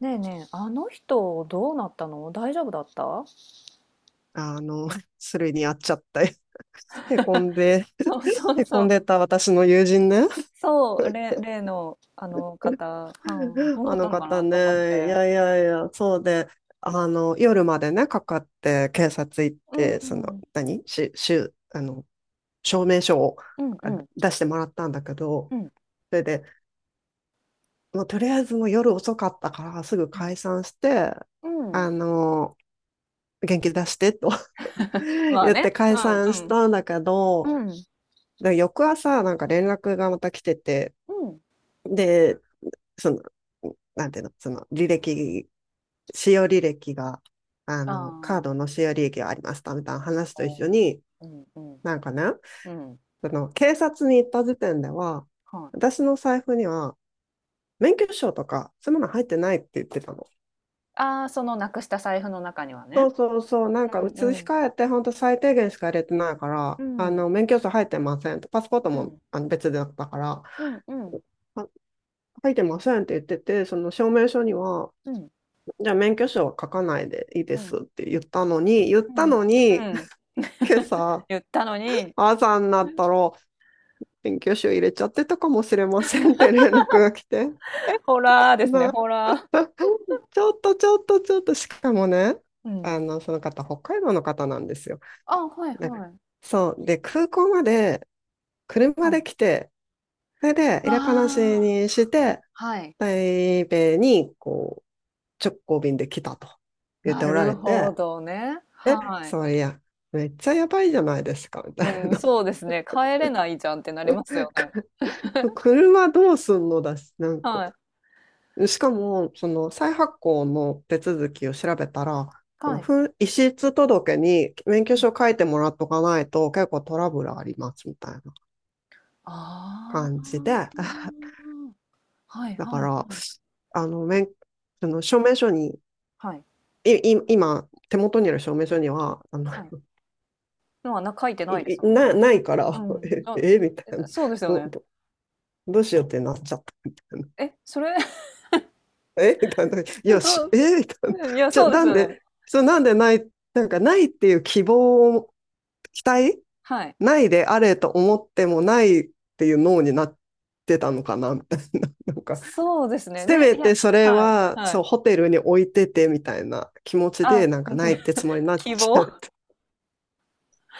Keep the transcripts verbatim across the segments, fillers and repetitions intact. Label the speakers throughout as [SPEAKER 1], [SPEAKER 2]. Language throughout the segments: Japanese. [SPEAKER 1] ねえねえ、あの人どうなったの、大丈夫だった？
[SPEAKER 2] あの、それにやっちゃって、へこんで、
[SPEAKER 1] そうそう
[SPEAKER 2] へこ
[SPEAKER 1] そ
[SPEAKER 2] ん
[SPEAKER 1] う。
[SPEAKER 2] でた私の友人ね、
[SPEAKER 1] そう、例、例のあの方、はい、ど うな
[SPEAKER 2] あ
[SPEAKER 1] っ
[SPEAKER 2] の
[SPEAKER 1] たのか
[SPEAKER 2] 方
[SPEAKER 1] なと思っ
[SPEAKER 2] ね、い
[SPEAKER 1] て。
[SPEAKER 2] やいやいや、そうで、あの、夜までね、かかって警察行っ
[SPEAKER 1] うん、
[SPEAKER 2] て、そ
[SPEAKER 1] う
[SPEAKER 2] の、
[SPEAKER 1] ん。
[SPEAKER 2] 何し、しゅ、あの、証明書を
[SPEAKER 1] うん。う
[SPEAKER 2] あ
[SPEAKER 1] ん。
[SPEAKER 2] 出してもらったんだけど、
[SPEAKER 1] うん。
[SPEAKER 2] それで、もうとりあえずもう夜遅かったからすぐ
[SPEAKER 1] う
[SPEAKER 2] 解散して、
[SPEAKER 1] ん。うん。
[SPEAKER 2] あの、元気出してと
[SPEAKER 1] まあ
[SPEAKER 2] 言って
[SPEAKER 1] ね。う
[SPEAKER 2] 解散し
[SPEAKER 1] ん、
[SPEAKER 2] たんだけど、
[SPEAKER 1] うん。うん。
[SPEAKER 2] だから翌朝、なんか連絡がまた来てて、
[SPEAKER 1] うん。
[SPEAKER 2] で、その、なんていうの、その履歴、使用履歴が、あ
[SPEAKER 1] あ
[SPEAKER 2] の、カード
[SPEAKER 1] あ、
[SPEAKER 2] の使用履歴がありましたみたいな話と一緒
[SPEAKER 1] こ
[SPEAKER 2] に、
[SPEAKER 1] う、うん、うん、
[SPEAKER 2] なんかね、
[SPEAKER 1] うん。
[SPEAKER 2] その警察に行った時点では、
[SPEAKER 1] はい。
[SPEAKER 2] 私の財布には免許証とか、そういうもの入ってないって言ってたの。
[SPEAKER 1] ああ、そのなくした財布の中には
[SPEAKER 2] そ
[SPEAKER 1] ね。
[SPEAKER 2] うそうそう、なんか
[SPEAKER 1] う
[SPEAKER 2] 移
[SPEAKER 1] ん、う
[SPEAKER 2] し
[SPEAKER 1] ん。
[SPEAKER 2] 替えて、本当最低限しか入れてないか
[SPEAKER 1] う
[SPEAKER 2] ら、あ
[SPEAKER 1] ん、
[SPEAKER 2] の、免許証入ってませんと、パスポート
[SPEAKER 1] う
[SPEAKER 2] も
[SPEAKER 1] ん。
[SPEAKER 2] あの別だったから、あ
[SPEAKER 1] うん、うん。
[SPEAKER 2] 書いてませんって言ってて、その証明書には、
[SPEAKER 1] うん。
[SPEAKER 2] じゃあ免許証は書かないでいいで
[SPEAKER 1] う
[SPEAKER 2] す
[SPEAKER 1] ん。
[SPEAKER 2] って言ったのに、言ったの
[SPEAKER 1] う
[SPEAKER 2] に、
[SPEAKER 1] ん。
[SPEAKER 2] 今朝、
[SPEAKER 1] 言ったのに。
[SPEAKER 2] 朝になったら、免許証入れちゃってたかもしれませんって連絡が来て、
[SPEAKER 1] ホラーですね、
[SPEAKER 2] な、
[SPEAKER 1] ホラ
[SPEAKER 2] ちょっとちょっとちょっと、しかもね、
[SPEAKER 1] ー。う
[SPEAKER 2] あ
[SPEAKER 1] ん。
[SPEAKER 2] の、その方、北海道の方なんですよ。
[SPEAKER 1] あ、はい
[SPEAKER 2] で
[SPEAKER 1] はい。
[SPEAKER 2] そう、で、空港まで車
[SPEAKER 1] は
[SPEAKER 2] で
[SPEAKER 1] い。
[SPEAKER 2] 来て、それで入れっぱなし
[SPEAKER 1] ああ、
[SPEAKER 2] にして、
[SPEAKER 1] はい。
[SPEAKER 2] 台北にこ直行便で来たと言っ
[SPEAKER 1] な
[SPEAKER 2] ておら
[SPEAKER 1] る
[SPEAKER 2] れ
[SPEAKER 1] ほ
[SPEAKER 2] て、
[SPEAKER 1] どね。
[SPEAKER 2] え、
[SPEAKER 1] はい。
[SPEAKER 2] そりゃ、めっちゃやばいじゃないですか、みたい
[SPEAKER 1] うん、
[SPEAKER 2] な
[SPEAKER 1] そうですね。帰れないじゃんってなりますよね。
[SPEAKER 2] 車どうすんのだし、なんか、
[SPEAKER 1] はい。
[SPEAKER 2] しかも、その再発行の手続きを調べたら、あ
[SPEAKER 1] は
[SPEAKER 2] の
[SPEAKER 1] い。
[SPEAKER 2] 遺失届に免
[SPEAKER 1] う
[SPEAKER 2] 許
[SPEAKER 1] ん。
[SPEAKER 2] 証書いてもらっとかないと結構トラブルありますみたいな
[SPEAKER 1] あ
[SPEAKER 2] 感じで
[SPEAKER 1] あ。はい
[SPEAKER 2] だ
[SPEAKER 1] は
[SPEAKER 2] か
[SPEAKER 1] い
[SPEAKER 2] ら、
[SPEAKER 1] はい。
[SPEAKER 2] あの、免、その証明書に、
[SPEAKER 1] はい。
[SPEAKER 2] い、い今、手元にある証明書には、あの、
[SPEAKER 1] はい。のはな、書いてないで
[SPEAKER 2] い
[SPEAKER 1] すもん
[SPEAKER 2] な、ないから、
[SPEAKER 1] ね。うん。あ、
[SPEAKER 2] え、えみた
[SPEAKER 1] え、
[SPEAKER 2] いな。
[SPEAKER 1] そうですよ
[SPEAKER 2] ど、
[SPEAKER 1] ね。
[SPEAKER 2] ど、どうしようってなっちゃったみたいな。
[SPEAKER 1] え、それ、
[SPEAKER 2] えみたいな。い やし、
[SPEAKER 1] どう、
[SPEAKER 2] えみたいな。
[SPEAKER 1] いや、
[SPEAKER 2] じゃ、
[SPEAKER 1] そうで
[SPEAKER 2] な
[SPEAKER 1] す
[SPEAKER 2] ん
[SPEAKER 1] よね。
[SPEAKER 2] で、そう、なんでない、なんかないっていう希望を、期待
[SPEAKER 1] はい。
[SPEAKER 2] ないであれと思ってもないっていう脳になってたのかなみたいな。なんか、
[SPEAKER 1] そうですね。
[SPEAKER 2] せ
[SPEAKER 1] ね、
[SPEAKER 2] め
[SPEAKER 1] いや、
[SPEAKER 2] てそれ
[SPEAKER 1] はい、
[SPEAKER 2] は、
[SPEAKER 1] は
[SPEAKER 2] そう、
[SPEAKER 1] い。
[SPEAKER 2] ホテルに置いててみたいな気持ちで、
[SPEAKER 1] あ、
[SPEAKER 2] なんかないってつもりに なっ
[SPEAKER 1] 希
[SPEAKER 2] ちゃ
[SPEAKER 1] 望、
[SPEAKER 2] って。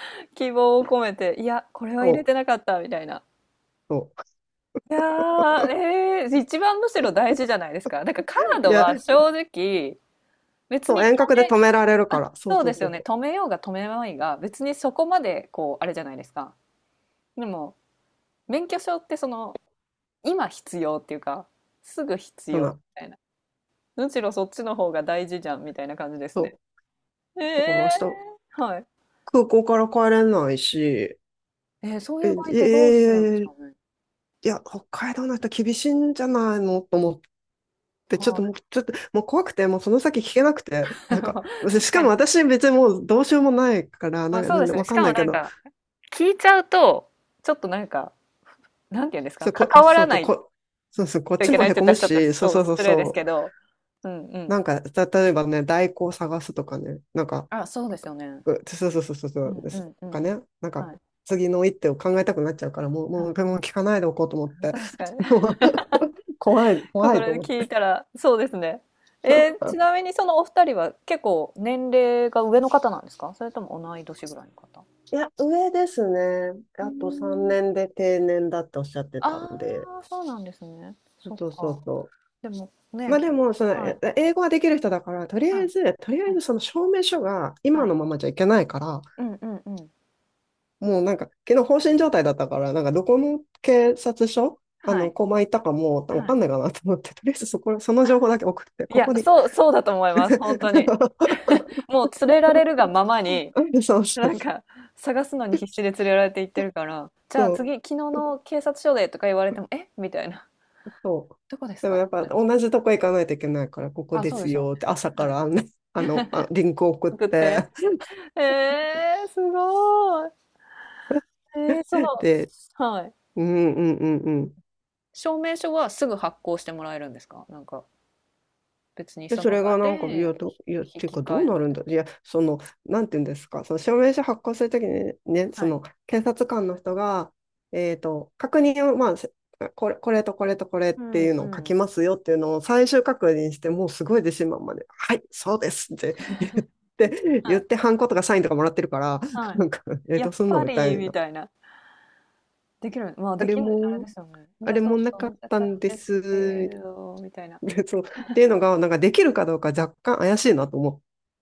[SPEAKER 1] 希望を込めて、いや、これは入
[SPEAKER 2] そ
[SPEAKER 1] れ
[SPEAKER 2] う、
[SPEAKER 1] てなかったみたいな。
[SPEAKER 2] そ
[SPEAKER 1] いやー、えー、一番むしろ大事じゃないですか。なんかカー
[SPEAKER 2] う。い
[SPEAKER 1] ド
[SPEAKER 2] や、
[SPEAKER 1] は正直、別
[SPEAKER 2] そ
[SPEAKER 1] に
[SPEAKER 2] う、
[SPEAKER 1] 止
[SPEAKER 2] 遠隔で
[SPEAKER 1] め、
[SPEAKER 2] 止められるか
[SPEAKER 1] あ、
[SPEAKER 2] ら。そう
[SPEAKER 1] そう
[SPEAKER 2] そ
[SPEAKER 1] で
[SPEAKER 2] う
[SPEAKER 1] す
[SPEAKER 2] そ
[SPEAKER 1] よ
[SPEAKER 2] う
[SPEAKER 1] ね。
[SPEAKER 2] そう。
[SPEAKER 1] 止めようが止めまいが、別にそこまで、こう、あれじゃないですか。でも、免許証ってその、今必要っていうか、すぐ必
[SPEAKER 2] そう
[SPEAKER 1] 要
[SPEAKER 2] な。
[SPEAKER 1] みたいな。むしろそっちの方が大事じゃんみたいな感じです
[SPEAKER 2] そ
[SPEAKER 1] ね。
[SPEAKER 2] う。だから
[SPEAKER 1] え
[SPEAKER 2] 明日
[SPEAKER 1] ー、はい。
[SPEAKER 2] 空港から帰れないし、
[SPEAKER 1] えー、そうい
[SPEAKER 2] え、
[SPEAKER 1] う場合ってどうするんでし
[SPEAKER 2] えー
[SPEAKER 1] ょうね。
[SPEAKER 2] いや、北海道の人厳しいんじゃないのと思って、ちょっともう、
[SPEAKER 1] は
[SPEAKER 2] ちょっと、もう怖くて、もうその先聞けなく
[SPEAKER 1] い。
[SPEAKER 2] て、なん か、
[SPEAKER 1] まあ
[SPEAKER 2] し
[SPEAKER 1] 確
[SPEAKER 2] か
[SPEAKER 1] か
[SPEAKER 2] も
[SPEAKER 1] に。
[SPEAKER 2] 私別にもうどうしようもないから、
[SPEAKER 1] ま
[SPEAKER 2] なん
[SPEAKER 1] あ
[SPEAKER 2] か、
[SPEAKER 1] そう
[SPEAKER 2] な
[SPEAKER 1] で
[SPEAKER 2] んで
[SPEAKER 1] すね。
[SPEAKER 2] わ
[SPEAKER 1] し
[SPEAKER 2] かん
[SPEAKER 1] か
[SPEAKER 2] な
[SPEAKER 1] も
[SPEAKER 2] いけ
[SPEAKER 1] なん
[SPEAKER 2] ど、
[SPEAKER 1] か、聞いちゃうと、ちょっとなんか、なんて言うんです
[SPEAKER 2] そ
[SPEAKER 1] か、
[SPEAKER 2] う、こ、
[SPEAKER 1] 関わ
[SPEAKER 2] そ
[SPEAKER 1] ら
[SPEAKER 2] うと、
[SPEAKER 1] ない
[SPEAKER 2] こ、そうそう、こっ
[SPEAKER 1] とい
[SPEAKER 2] ち
[SPEAKER 1] けな
[SPEAKER 2] も
[SPEAKER 1] いっ
[SPEAKER 2] へ
[SPEAKER 1] て言っ
[SPEAKER 2] こ
[SPEAKER 1] た
[SPEAKER 2] む
[SPEAKER 1] らちょっと、
[SPEAKER 2] し、そう
[SPEAKER 1] そう、
[SPEAKER 2] そうそう
[SPEAKER 1] 失礼です
[SPEAKER 2] そ
[SPEAKER 1] け
[SPEAKER 2] う、
[SPEAKER 1] ど、うん、う
[SPEAKER 2] な
[SPEAKER 1] ん。
[SPEAKER 2] んか、例えばね、代行を探すとかね、なんか、
[SPEAKER 1] あ、そうですよね。
[SPEAKER 2] うそうそうそうそうそ
[SPEAKER 1] う
[SPEAKER 2] う、
[SPEAKER 1] ん、
[SPEAKER 2] で
[SPEAKER 1] う
[SPEAKER 2] す
[SPEAKER 1] ん、う
[SPEAKER 2] とか
[SPEAKER 1] ん。
[SPEAKER 2] ね、なんか、
[SPEAKER 1] はい。
[SPEAKER 2] 次の一手を考えたくなっちゃうから、もう、
[SPEAKER 1] は
[SPEAKER 2] も
[SPEAKER 1] い。
[SPEAKER 2] う、もう聞かないでおこうと思って、
[SPEAKER 1] 確か
[SPEAKER 2] も
[SPEAKER 1] に。
[SPEAKER 2] う怖い、
[SPEAKER 1] こ
[SPEAKER 2] 怖
[SPEAKER 1] こ
[SPEAKER 2] いと
[SPEAKER 1] で
[SPEAKER 2] 思っ
[SPEAKER 1] 聞い
[SPEAKER 2] て。
[SPEAKER 1] たら、そうですね。えー、ちなみにそのお二人は結構年齢が上の方なんですか、それとも同い年ぐらいの方？
[SPEAKER 2] いや、上ですね。
[SPEAKER 1] うー
[SPEAKER 2] あと3
[SPEAKER 1] ん。
[SPEAKER 2] 年で定年だっておっしゃってたんで。
[SPEAKER 1] ああ、そうなんですね。
[SPEAKER 2] そう
[SPEAKER 1] そっ
[SPEAKER 2] そうそ
[SPEAKER 1] か。
[SPEAKER 2] うそ
[SPEAKER 1] でも
[SPEAKER 2] う。
[SPEAKER 1] ね、
[SPEAKER 2] まあで
[SPEAKER 1] き、
[SPEAKER 2] も、その、
[SPEAKER 1] はい、
[SPEAKER 2] え英語ができる人だから、とりあ
[SPEAKER 1] は
[SPEAKER 2] え
[SPEAKER 1] い、
[SPEAKER 2] ず、とりあ
[SPEAKER 1] は
[SPEAKER 2] え
[SPEAKER 1] い、
[SPEAKER 2] ずその証明書が
[SPEAKER 1] は
[SPEAKER 2] 今
[SPEAKER 1] い。
[SPEAKER 2] のままじゃいけないから、
[SPEAKER 1] うん、うん、うん。
[SPEAKER 2] もうなんか、昨日放心状態だったから、なんかどこの警察署、あ
[SPEAKER 1] は
[SPEAKER 2] の、
[SPEAKER 1] い、
[SPEAKER 2] コマ行ったかもうわ
[SPEAKER 1] は
[SPEAKER 2] か
[SPEAKER 1] い。
[SPEAKER 2] んないかなと思って、とりあえずそこ、その情報だけ送って、
[SPEAKER 1] い
[SPEAKER 2] こ
[SPEAKER 1] や、
[SPEAKER 2] こに。
[SPEAKER 1] そう、そうだと思います。本当に。もう連れられるがままに、
[SPEAKER 2] そうそ
[SPEAKER 1] な
[SPEAKER 2] う
[SPEAKER 1] んか探すのに必死で連れられていってるから、じゃあ
[SPEAKER 2] そ
[SPEAKER 1] 次、
[SPEAKER 2] う。
[SPEAKER 1] 昨日の警察署でとか言われても、えみたいな。
[SPEAKER 2] そう。
[SPEAKER 1] どこです
[SPEAKER 2] で
[SPEAKER 1] か
[SPEAKER 2] もやっ
[SPEAKER 1] って
[SPEAKER 2] ぱ
[SPEAKER 1] なっちゃ
[SPEAKER 2] 同じとこ行かないといけないから、こ
[SPEAKER 1] う。
[SPEAKER 2] こ
[SPEAKER 1] あ、
[SPEAKER 2] で
[SPEAKER 1] そうで
[SPEAKER 2] す
[SPEAKER 1] しょ
[SPEAKER 2] よって朝
[SPEAKER 1] うね。
[SPEAKER 2] か
[SPEAKER 1] はい。
[SPEAKER 2] らあの、あの、あリンク送っ
[SPEAKER 1] 送って。
[SPEAKER 2] て、
[SPEAKER 1] えー、すごい。えー、その、
[SPEAKER 2] で、
[SPEAKER 1] はい。
[SPEAKER 2] うんうんうんうん。
[SPEAKER 1] 証明書はすぐ発行してもらえるんですか、なんか、別に
[SPEAKER 2] で、
[SPEAKER 1] そ
[SPEAKER 2] そ
[SPEAKER 1] の
[SPEAKER 2] れ
[SPEAKER 1] 場
[SPEAKER 2] がなんか、い
[SPEAKER 1] で
[SPEAKER 2] や、ど、いや、っ
[SPEAKER 1] 引
[SPEAKER 2] ていう
[SPEAKER 1] き
[SPEAKER 2] か、
[SPEAKER 1] 換
[SPEAKER 2] どう
[SPEAKER 1] え
[SPEAKER 2] な
[SPEAKER 1] み
[SPEAKER 2] るん
[SPEAKER 1] たい
[SPEAKER 2] だ、いや、その、なんていうんですか、その証明書発行するときにね、
[SPEAKER 1] な。
[SPEAKER 2] そ
[SPEAKER 1] はい。
[SPEAKER 2] の、検察官の人が、えっと、確認を、まあ、せこれ、これとこれとこれっ
[SPEAKER 1] う
[SPEAKER 2] て
[SPEAKER 1] ん、
[SPEAKER 2] いう
[SPEAKER 1] う
[SPEAKER 2] のを書き
[SPEAKER 1] ん。
[SPEAKER 2] ますよっていうのを最終確認して、もうすごい自信満々で、はい、そうですって言って、
[SPEAKER 1] は
[SPEAKER 2] 言っ
[SPEAKER 1] い。
[SPEAKER 2] て、ハンコとかサインとかもらってるから、
[SPEAKER 1] は
[SPEAKER 2] なんか、えっ
[SPEAKER 1] い。や
[SPEAKER 2] どう
[SPEAKER 1] っ
[SPEAKER 2] すんの
[SPEAKER 1] ぱ
[SPEAKER 2] みた
[SPEAKER 1] り、
[SPEAKER 2] い
[SPEAKER 1] み
[SPEAKER 2] な。
[SPEAKER 1] たいな。できる、まあ、
[SPEAKER 2] あ
[SPEAKER 1] で
[SPEAKER 2] れ
[SPEAKER 1] きるあれ
[SPEAKER 2] も、
[SPEAKER 1] ですよね。い
[SPEAKER 2] あ
[SPEAKER 1] や、
[SPEAKER 2] れ
[SPEAKER 1] そう
[SPEAKER 2] も
[SPEAKER 1] そ
[SPEAKER 2] なか
[SPEAKER 1] う、
[SPEAKER 2] っ
[SPEAKER 1] 見
[SPEAKER 2] た
[SPEAKER 1] たん
[SPEAKER 2] んで
[SPEAKER 1] ですけ
[SPEAKER 2] す、
[SPEAKER 1] れど、みたいな。
[SPEAKER 2] そう。っていうのが、なんかできるかどうか若干怪しいなと思っ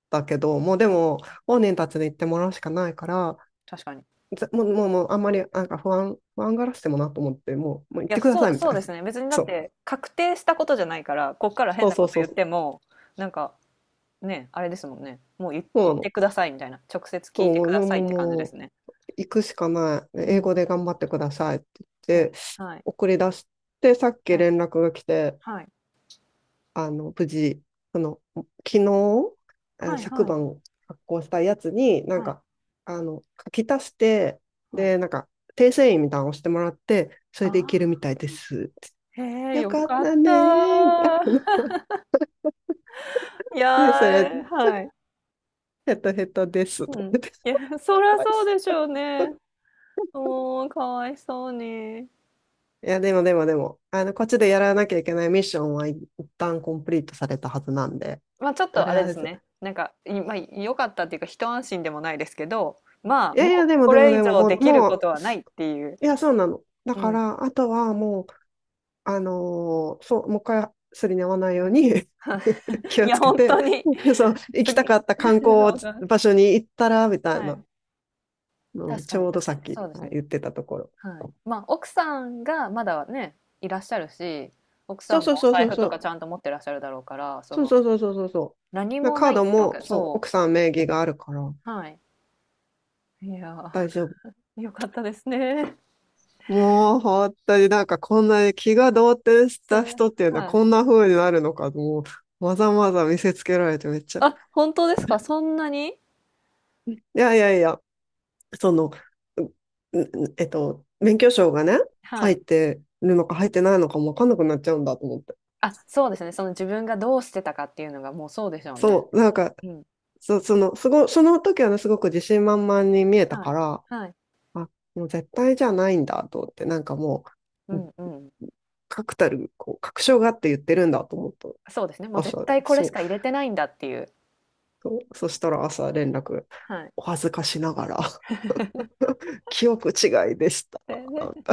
[SPEAKER 2] たけど、もうでも、本人たちに言ってもらうしかないから、
[SPEAKER 1] 確かに。
[SPEAKER 2] ぜもう、もう、もうあんまり、なんか不安、不安がらしてもなと思って、もう、もう行
[SPEAKER 1] い
[SPEAKER 2] っ
[SPEAKER 1] や、
[SPEAKER 2] てくだ
[SPEAKER 1] そ
[SPEAKER 2] さい
[SPEAKER 1] う
[SPEAKER 2] みた
[SPEAKER 1] そ
[SPEAKER 2] い
[SPEAKER 1] う
[SPEAKER 2] な。
[SPEAKER 1] で すね。別にだ
[SPEAKER 2] そ
[SPEAKER 1] っ
[SPEAKER 2] う。
[SPEAKER 1] て、確定したことじゃないから、こっから変
[SPEAKER 2] そう
[SPEAKER 1] な
[SPEAKER 2] そ
[SPEAKER 1] こ
[SPEAKER 2] う
[SPEAKER 1] と
[SPEAKER 2] そう
[SPEAKER 1] 言っ
[SPEAKER 2] そう。
[SPEAKER 1] ても、なんか、ね、あれですもんね。もう言
[SPEAKER 2] そ
[SPEAKER 1] 言
[SPEAKER 2] うな
[SPEAKER 1] って
[SPEAKER 2] の。
[SPEAKER 1] くださいみたいな。直接聞いて
[SPEAKER 2] そう、
[SPEAKER 1] くだ
[SPEAKER 2] もう、も
[SPEAKER 1] さいっ
[SPEAKER 2] う、
[SPEAKER 1] て感じで
[SPEAKER 2] も
[SPEAKER 1] す
[SPEAKER 2] う
[SPEAKER 1] ね。
[SPEAKER 2] 行くしかない。
[SPEAKER 1] うん、
[SPEAKER 2] 英
[SPEAKER 1] うん。
[SPEAKER 2] 語で頑張ってくださいって言
[SPEAKER 1] で、
[SPEAKER 2] って、
[SPEAKER 1] はい。
[SPEAKER 2] 送り出して、さっき
[SPEAKER 1] はい。
[SPEAKER 2] 連絡が来て、
[SPEAKER 1] はい。
[SPEAKER 2] あの、無事、その、昨日、えー
[SPEAKER 1] はい、
[SPEAKER 2] 昨
[SPEAKER 1] はい。
[SPEAKER 2] 晩発行したやつに、なん
[SPEAKER 1] はい。
[SPEAKER 2] か、あの、書き足して、
[SPEAKER 1] はい。
[SPEAKER 2] で、なんか、訂正印みたいなのを押してもらって、そ
[SPEAKER 1] あ
[SPEAKER 2] れでいけるみた
[SPEAKER 1] あ、
[SPEAKER 2] いです。
[SPEAKER 1] へえ、
[SPEAKER 2] よ
[SPEAKER 1] よ
[SPEAKER 2] かっ
[SPEAKER 1] かっ
[SPEAKER 2] たねー。みたい
[SPEAKER 1] た。
[SPEAKER 2] な。
[SPEAKER 1] い
[SPEAKER 2] で、それ、
[SPEAKER 1] やー、はい。
[SPEAKER 2] ヘトヘトです。
[SPEAKER 1] うん。いや、そら
[SPEAKER 2] 怖いっ
[SPEAKER 1] そう
[SPEAKER 2] す。
[SPEAKER 1] でしょうね。おー、かわいそうに。
[SPEAKER 2] いや、でもでもでも、あの、こっちでやらなきゃいけないミッションは一旦コンプリートされたはずなんで、
[SPEAKER 1] まあちょっ
[SPEAKER 2] と
[SPEAKER 1] と
[SPEAKER 2] り
[SPEAKER 1] あれ
[SPEAKER 2] あ
[SPEAKER 1] で
[SPEAKER 2] え
[SPEAKER 1] す
[SPEAKER 2] ず。
[SPEAKER 1] ね。なんか、い、まあ良かったっていうか一安心でもないですけど、ま
[SPEAKER 2] い
[SPEAKER 1] あ
[SPEAKER 2] やいや、
[SPEAKER 1] もう
[SPEAKER 2] でも
[SPEAKER 1] こ
[SPEAKER 2] でも
[SPEAKER 1] れ以
[SPEAKER 2] でも、
[SPEAKER 1] 上
[SPEAKER 2] も
[SPEAKER 1] で
[SPEAKER 2] う、
[SPEAKER 1] きる
[SPEAKER 2] も
[SPEAKER 1] こ
[SPEAKER 2] う、
[SPEAKER 1] とはないっていう。
[SPEAKER 2] いや、そうなの。だ
[SPEAKER 1] う
[SPEAKER 2] か
[SPEAKER 1] ん。
[SPEAKER 2] ら、あとはもう、あのーそう、もう一回すりに合わないように 気
[SPEAKER 1] い
[SPEAKER 2] を
[SPEAKER 1] や、
[SPEAKER 2] つけ
[SPEAKER 1] 本当
[SPEAKER 2] て、
[SPEAKER 1] に。
[SPEAKER 2] そう、行
[SPEAKER 1] す
[SPEAKER 2] き
[SPEAKER 1] ぎ。
[SPEAKER 2] た
[SPEAKER 1] う
[SPEAKER 2] かった観光
[SPEAKER 1] だ、
[SPEAKER 2] 場所に行ったら、みたい
[SPEAKER 1] は
[SPEAKER 2] な
[SPEAKER 1] い。
[SPEAKER 2] のを
[SPEAKER 1] 確か
[SPEAKER 2] ち
[SPEAKER 1] に、
[SPEAKER 2] ょうど
[SPEAKER 1] 確
[SPEAKER 2] さ
[SPEAKER 1] か
[SPEAKER 2] っ
[SPEAKER 1] に。そ
[SPEAKER 2] き、
[SPEAKER 1] うです
[SPEAKER 2] はい、
[SPEAKER 1] ね。
[SPEAKER 2] 言ってたところ。
[SPEAKER 1] はい。まあ奥さんがまだね、いらっしゃるし、奥
[SPEAKER 2] そ
[SPEAKER 1] さ
[SPEAKER 2] う
[SPEAKER 1] ん
[SPEAKER 2] そう
[SPEAKER 1] もお
[SPEAKER 2] そうそ
[SPEAKER 1] 財
[SPEAKER 2] う
[SPEAKER 1] 布
[SPEAKER 2] そ
[SPEAKER 1] とか
[SPEAKER 2] う。
[SPEAKER 1] ちゃんと持ってらっしゃるだろうから、そ
[SPEAKER 2] そう
[SPEAKER 1] の、
[SPEAKER 2] そうそうそうそうそ
[SPEAKER 1] 何
[SPEAKER 2] う。な
[SPEAKER 1] も
[SPEAKER 2] カ
[SPEAKER 1] な
[SPEAKER 2] ー
[SPEAKER 1] いっ
[SPEAKER 2] ド
[SPEAKER 1] てわ
[SPEAKER 2] も、
[SPEAKER 1] け、
[SPEAKER 2] そう、奥
[SPEAKER 1] そ
[SPEAKER 2] さん名義があるから
[SPEAKER 1] う。はい。いや
[SPEAKER 2] 大丈夫。
[SPEAKER 1] ー、よかったですね。
[SPEAKER 2] もう、本当になんかこんなに気が動転し
[SPEAKER 1] す、
[SPEAKER 2] た人っていうのは
[SPEAKER 1] はい。
[SPEAKER 2] こんな風になるのか、もう、わざわざ見せつけられてめっちゃ。い
[SPEAKER 1] あ、本当ですか？そんなに？
[SPEAKER 2] やいやいや、その、うえっと、免許証がね、
[SPEAKER 1] は
[SPEAKER 2] 入っ
[SPEAKER 1] い。
[SPEAKER 2] てるのか入ってないのかもわかんなくなっちゃうんだと思って。
[SPEAKER 1] あ、そうですね。その自分がどうしてたかっていうのがもう、そうでしょうね。
[SPEAKER 2] そう、なんか、
[SPEAKER 1] うん。
[SPEAKER 2] そ、その、すご、その時はね、すごく自信満々に見えた
[SPEAKER 1] は
[SPEAKER 2] か
[SPEAKER 1] い。
[SPEAKER 2] ら、
[SPEAKER 1] はい。
[SPEAKER 2] あ、もう絶対じゃないんだと思って、なんかも
[SPEAKER 1] う
[SPEAKER 2] う、
[SPEAKER 1] ん、うん。
[SPEAKER 2] 確たる、こう、確証があって言ってるんだと思った。
[SPEAKER 1] そうですね。もう絶
[SPEAKER 2] 朝、
[SPEAKER 1] 対これ
[SPEAKER 2] そ
[SPEAKER 1] し
[SPEAKER 2] う、
[SPEAKER 1] か入れてないんだっていう。
[SPEAKER 2] そう、そしたら朝連絡、
[SPEAKER 1] はい。
[SPEAKER 2] お恥ずかしながら、記憶違いでした。
[SPEAKER 1] で で、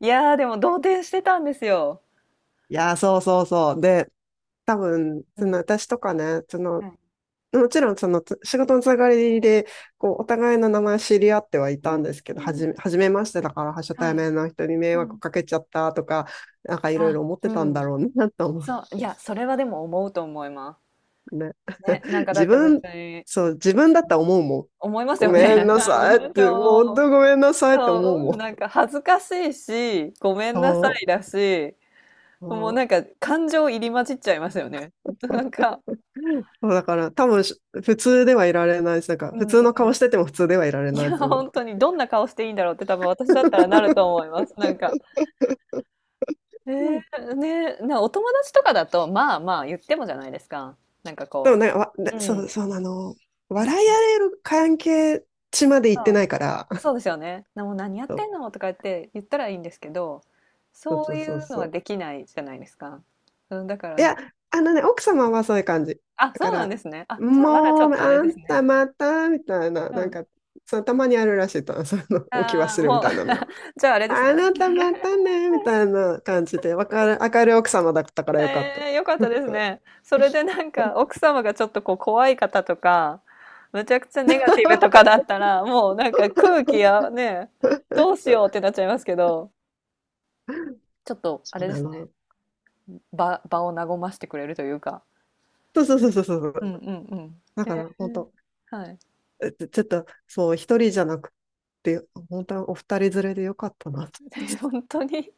[SPEAKER 1] いやー、でも動転してたんですよ。
[SPEAKER 2] いやー、そうそうそう。で、多分、
[SPEAKER 1] う
[SPEAKER 2] その
[SPEAKER 1] ん。
[SPEAKER 2] 私とかね、そのもちろんそのつ仕事のつながりでこうお互いの名前知り合ってはいたんですけど、はじめ、初めましてだから初対面の人に迷惑かけちゃったとか、なんかいろい
[SPEAKER 1] あ、
[SPEAKER 2] ろ思って
[SPEAKER 1] う
[SPEAKER 2] たん
[SPEAKER 1] ん。
[SPEAKER 2] だろうなと思っ
[SPEAKER 1] そう、いや、それはでも思うと思います。
[SPEAKER 2] てね。
[SPEAKER 1] ね、なんかだ
[SPEAKER 2] 自
[SPEAKER 1] って別
[SPEAKER 2] 分、
[SPEAKER 1] に
[SPEAKER 2] そう、自分だったら思うもん。
[SPEAKER 1] 思います
[SPEAKER 2] ご
[SPEAKER 1] よね。
[SPEAKER 2] めんな
[SPEAKER 1] あ
[SPEAKER 2] さいっ
[SPEAKER 1] の、
[SPEAKER 2] て、もう本
[SPEAKER 1] そ
[SPEAKER 2] 当
[SPEAKER 1] う、
[SPEAKER 2] ごめんなさいって思う
[SPEAKER 1] そ
[SPEAKER 2] も
[SPEAKER 1] う、なん
[SPEAKER 2] ん。
[SPEAKER 1] か恥ずかしいし、ごめんなさ
[SPEAKER 2] そ
[SPEAKER 1] いだし、
[SPEAKER 2] う。
[SPEAKER 1] もう
[SPEAKER 2] そ
[SPEAKER 1] なん
[SPEAKER 2] う
[SPEAKER 1] か感情入り混じっちゃいますよね。なんか、
[SPEAKER 2] そうだから多分し普通ではいられないし、なんか
[SPEAKER 1] う
[SPEAKER 2] 普
[SPEAKER 1] ん、
[SPEAKER 2] 通の
[SPEAKER 1] う
[SPEAKER 2] 顔してても普通ではいられ
[SPEAKER 1] ん。い
[SPEAKER 2] ない
[SPEAKER 1] や、
[SPEAKER 2] と思う
[SPEAKER 1] 本
[SPEAKER 2] か
[SPEAKER 1] 当に
[SPEAKER 2] ら。
[SPEAKER 1] どんな顔していいんだろうって多分私だったらなると思 います。なんか、えー、ね、なお友達とかだと、まあまあ言ってもじゃないですか。なんか
[SPEAKER 2] で
[SPEAKER 1] こ
[SPEAKER 2] もね、わ、ね
[SPEAKER 1] う、う
[SPEAKER 2] そ
[SPEAKER 1] ん、
[SPEAKER 2] う、そうなの。笑い合える関係値まで行
[SPEAKER 1] そ
[SPEAKER 2] ってな
[SPEAKER 1] う、
[SPEAKER 2] いから。
[SPEAKER 1] そう ですよね。な、もう何やって
[SPEAKER 2] そ
[SPEAKER 1] んのとか言って言ったらいいんですけど、
[SPEAKER 2] う
[SPEAKER 1] そ
[SPEAKER 2] そうそ
[SPEAKER 1] う
[SPEAKER 2] う
[SPEAKER 1] い
[SPEAKER 2] そう
[SPEAKER 1] うの
[SPEAKER 2] そ
[SPEAKER 1] は
[SPEAKER 2] う。
[SPEAKER 1] できないじゃないですか。うん、だか
[SPEAKER 2] い
[SPEAKER 1] らね、
[SPEAKER 2] や、あのね、奥様はそういう感じ。
[SPEAKER 1] あ、
[SPEAKER 2] だか
[SPEAKER 1] そうなん
[SPEAKER 2] ら、
[SPEAKER 1] ですね。あ、じゃあまだちょ
[SPEAKER 2] も
[SPEAKER 1] っ
[SPEAKER 2] う、
[SPEAKER 1] とあれ
[SPEAKER 2] あ
[SPEAKER 1] です
[SPEAKER 2] ん
[SPEAKER 1] ね。
[SPEAKER 2] たまた、みたいな、
[SPEAKER 1] う
[SPEAKER 2] なん
[SPEAKER 1] ん。
[SPEAKER 2] か、そのたまにあるらしいと、その、おき
[SPEAKER 1] あ
[SPEAKER 2] 忘
[SPEAKER 1] あ、
[SPEAKER 2] れみ
[SPEAKER 1] もう
[SPEAKER 2] たいなのが。
[SPEAKER 1] じゃああれですね。
[SPEAKER 2] あなたまたね、みたいな感じで、わかる、明るい奥様だったからよかった。
[SPEAKER 1] ええ、よかったですね。それでなんか奥様がちょっとこう怖い方とか、むちゃくちゃネガティブとかだったら、もうなんか空気やね、どう しようってなっちゃいますけど、ちょっとあ
[SPEAKER 2] そう
[SPEAKER 1] れで
[SPEAKER 2] な
[SPEAKER 1] すね、
[SPEAKER 2] の。
[SPEAKER 1] 場、場を和ましてくれるというか。
[SPEAKER 2] そうそうそうそうそ
[SPEAKER 1] う
[SPEAKER 2] う。
[SPEAKER 1] ん、うん、うん。
[SPEAKER 2] だ
[SPEAKER 1] え
[SPEAKER 2] から、本当
[SPEAKER 1] ー、はい。
[SPEAKER 2] ちょっと、そう、一人じゃなくて、本当にお二人連れでよかったなと。
[SPEAKER 1] 本当に。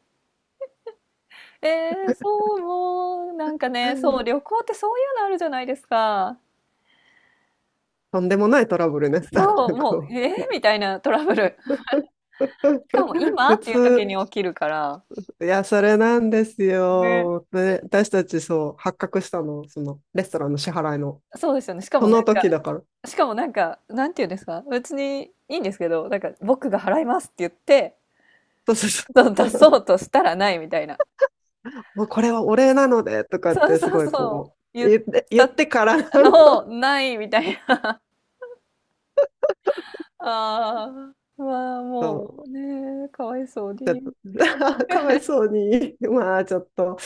[SPEAKER 1] えー、そう、もう、なんかね、そう、旅行ってそういうのあるじゃないですか。
[SPEAKER 2] とんでもないトラブルね。なん
[SPEAKER 1] そう、
[SPEAKER 2] か
[SPEAKER 1] も
[SPEAKER 2] こ
[SPEAKER 1] う、
[SPEAKER 2] う
[SPEAKER 1] えー、みたいなトラブル。しかも今
[SPEAKER 2] 普
[SPEAKER 1] っていう時
[SPEAKER 2] 通、
[SPEAKER 1] に起きるから。
[SPEAKER 2] いや、それなんです
[SPEAKER 1] ね。
[SPEAKER 2] よ。で、私たちそう、発覚したの、その、レストランの支払いの、
[SPEAKER 1] そうですよね。しか
[SPEAKER 2] そ
[SPEAKER 1] もなん
[SPEAKER 2] の時
[SPEAKER 1] か、
[SPEAKER 2] だから。
[SPEAKER 1] しかもなんか、なんて言うんですか、別にいいんですけど、なんか僕が払いますって言って、
[SPEAKER 2] そうそうそう。
[SPEAKER 1] そう出そうとしたらないみたいな。
[SPEAKER 2] もうこれはお礼なので、とかっ
[SPEAKER 1] そう
[SPEAKER 2] てす
[SPEAKER 1] そう
[SPEAKER 2] ごい
[SPEAKER 1] そう。
[SPEAKER 2] こう、
[SPEAKER 1] 言っ
[SPEAKER 2] 言って、言っ
[SPEAKER 1] た
[SPEAKER 2] てからの、
[SPEAKER 1] のをないみたいな。ああ、まあもう
[SPEAKER 2] そ
[SPEAKER 1] ね、かわいそうに。
[SPEAKER 2] う かわいそうに、まあちょっと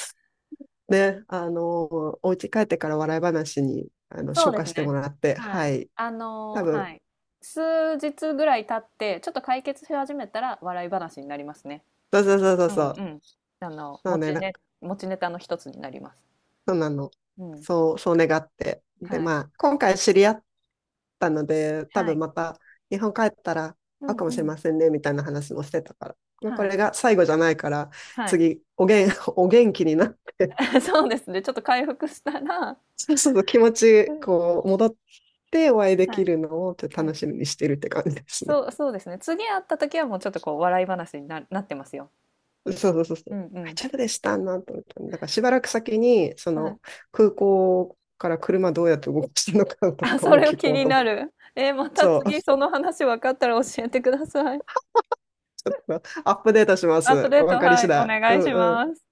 [SPEAKER 2] ね、あの、お家帰ってから笑い話に、あの、
[SPEAKER 1] そう
[SPEAKER 2] 消
[SPEAKER 1] で
[SPEAKER 2] 化
[SPEAKER 1] す
[SPEAKER 2] しても
[SPEAKER 1] ね。
[SPEAKER 2] らって、
[SPEAKER 1] は
[SPEAKER 2] は
[SPEAKER 1] い。
[SPEAKER 2] い。
[SPEAKER 1] あの、
[SPEAKER 2] 多分、
[SPEAKER 1] はい。数日ぐらい経って、ちょっと解決し始めたら笑い話になりますね。
[SPEAKER 2] そうそうそうそう
[SPEAKER 1] うん、う
[SPEAKER 2] そう。
[SPEAKER 1] ん。あの、
[SPEAKER 2] そう
[SPEAKER 1] 持
[SPEAKER 2] ね、
[SPEAKER 1] ち
[SPEAKER 2] なん
[SPEAKER 1] ね、
[SPEAKER 2] か、
[SPEAKER 1] 持ちネタの一つになります。
[SPEAKER 2] そうなの。
[SPEAKER 1] うん。
[SPEAKER 2] そう、そう願って。
[SPEAKER 1] は
[SPEAKER 2] で、
[SPEAKER 1] い。
[SPEAKER 2] まあ、今回知り合ったので、多
[SPEAKER 1] は
[SPEAKER 2] 分
[SPEAKER 1] い。
[SPEAKER 2] また、日本帰ったら
[SPEAKER 1] う
[SPEAKER 2] 会う
[SPEAKER 1] ん、
[SPEAKER 2] かも
[SPEAKER 1] う
[SPEAKER 2] しれ
[SPEAKER 1] ん。
[SPEAKER 2] ませんね、みたいな話もしてたから。まあ、こ
[SPEAKER 1] はい。
[SPEAKER 2] れが最後じゃないから、
[SPEAKER 1] はい。
[SPEAKER 2] 次、おげん、お元気になって、
[SPEAKER 1] そうですね、ちょっと回復したら、
[SPEAKER 2] そうそうそう気持
[SPEAKER 1] う
[SPEAKER 2] ち、
[SPEAKER 1] ん。
[SPEAKER 2] こう、戻ってお会いで
[SPEAKER 1] は
[SPEAKER 2] き
[SPEAKER 1] い、
[SPEAKER 2] るのを、ちょっと
[SPEAKER 1] は
[SPEAKER 2] 楽
[SPEAKER 1] い。
[SPEAKER 2] しみにしてるって感じですね。
[SPEAKER 1] そうそうですね、次会った時はもうちょっとこう笑い話にななってますよ。
[SPEAKER 2] そうそうそうそ
[SPEAKER 1] うん、
[SPEAKER 2] う。
[SPEAKER 1] う
[SPEAKER 2] あ、
[SPEAKER 1] ん。
[SPEAKER 2] ちょっとでしたなと思った。だからしばらく先に、そ
[SPEAKER 1] はい。
[SPEAKER 2] の空港から車どうやって動かしてるのかと
[SPEAKER 1] あ、
[SPEAKER 2] か
[SPEAKER 1] そ
[SPEAKER 2] も
[SPEAKER 1] れを
[SPEAKER 2] 聞
[SPEAKER 1] 気
[SPEAKER 2] こう
[SPEAKER 1] に
[SPEAKER 2] と思っ
[SPEAKER 1] な
[SPEAKER 2] て。
[SPEAKER 1] る。え、また
[SPEAKER 2] そう、
[SPEAKER 1] 次
[SPEAKER 2] ち
[SPEAKER 1] その話分かったら教えてください。
[SPEAKER 2] ょっとアップデートしま
[SPEAKER 1] アップ
[SPEAKER 2] す。
[SPEAKER 1] デー
[SPEAKER 2] わ
[SPEAKER 1] ト、
[SPEAKER 2] かり
[SPEAKER 1] は
[SPEAKER 2] 次
[SPEAKER 1] い、お
[SPEAKER 2] 第。う
[SPEAKER 1] 願いし
[SPEAKER 2] んうん。
[SPEAKER 1] ます。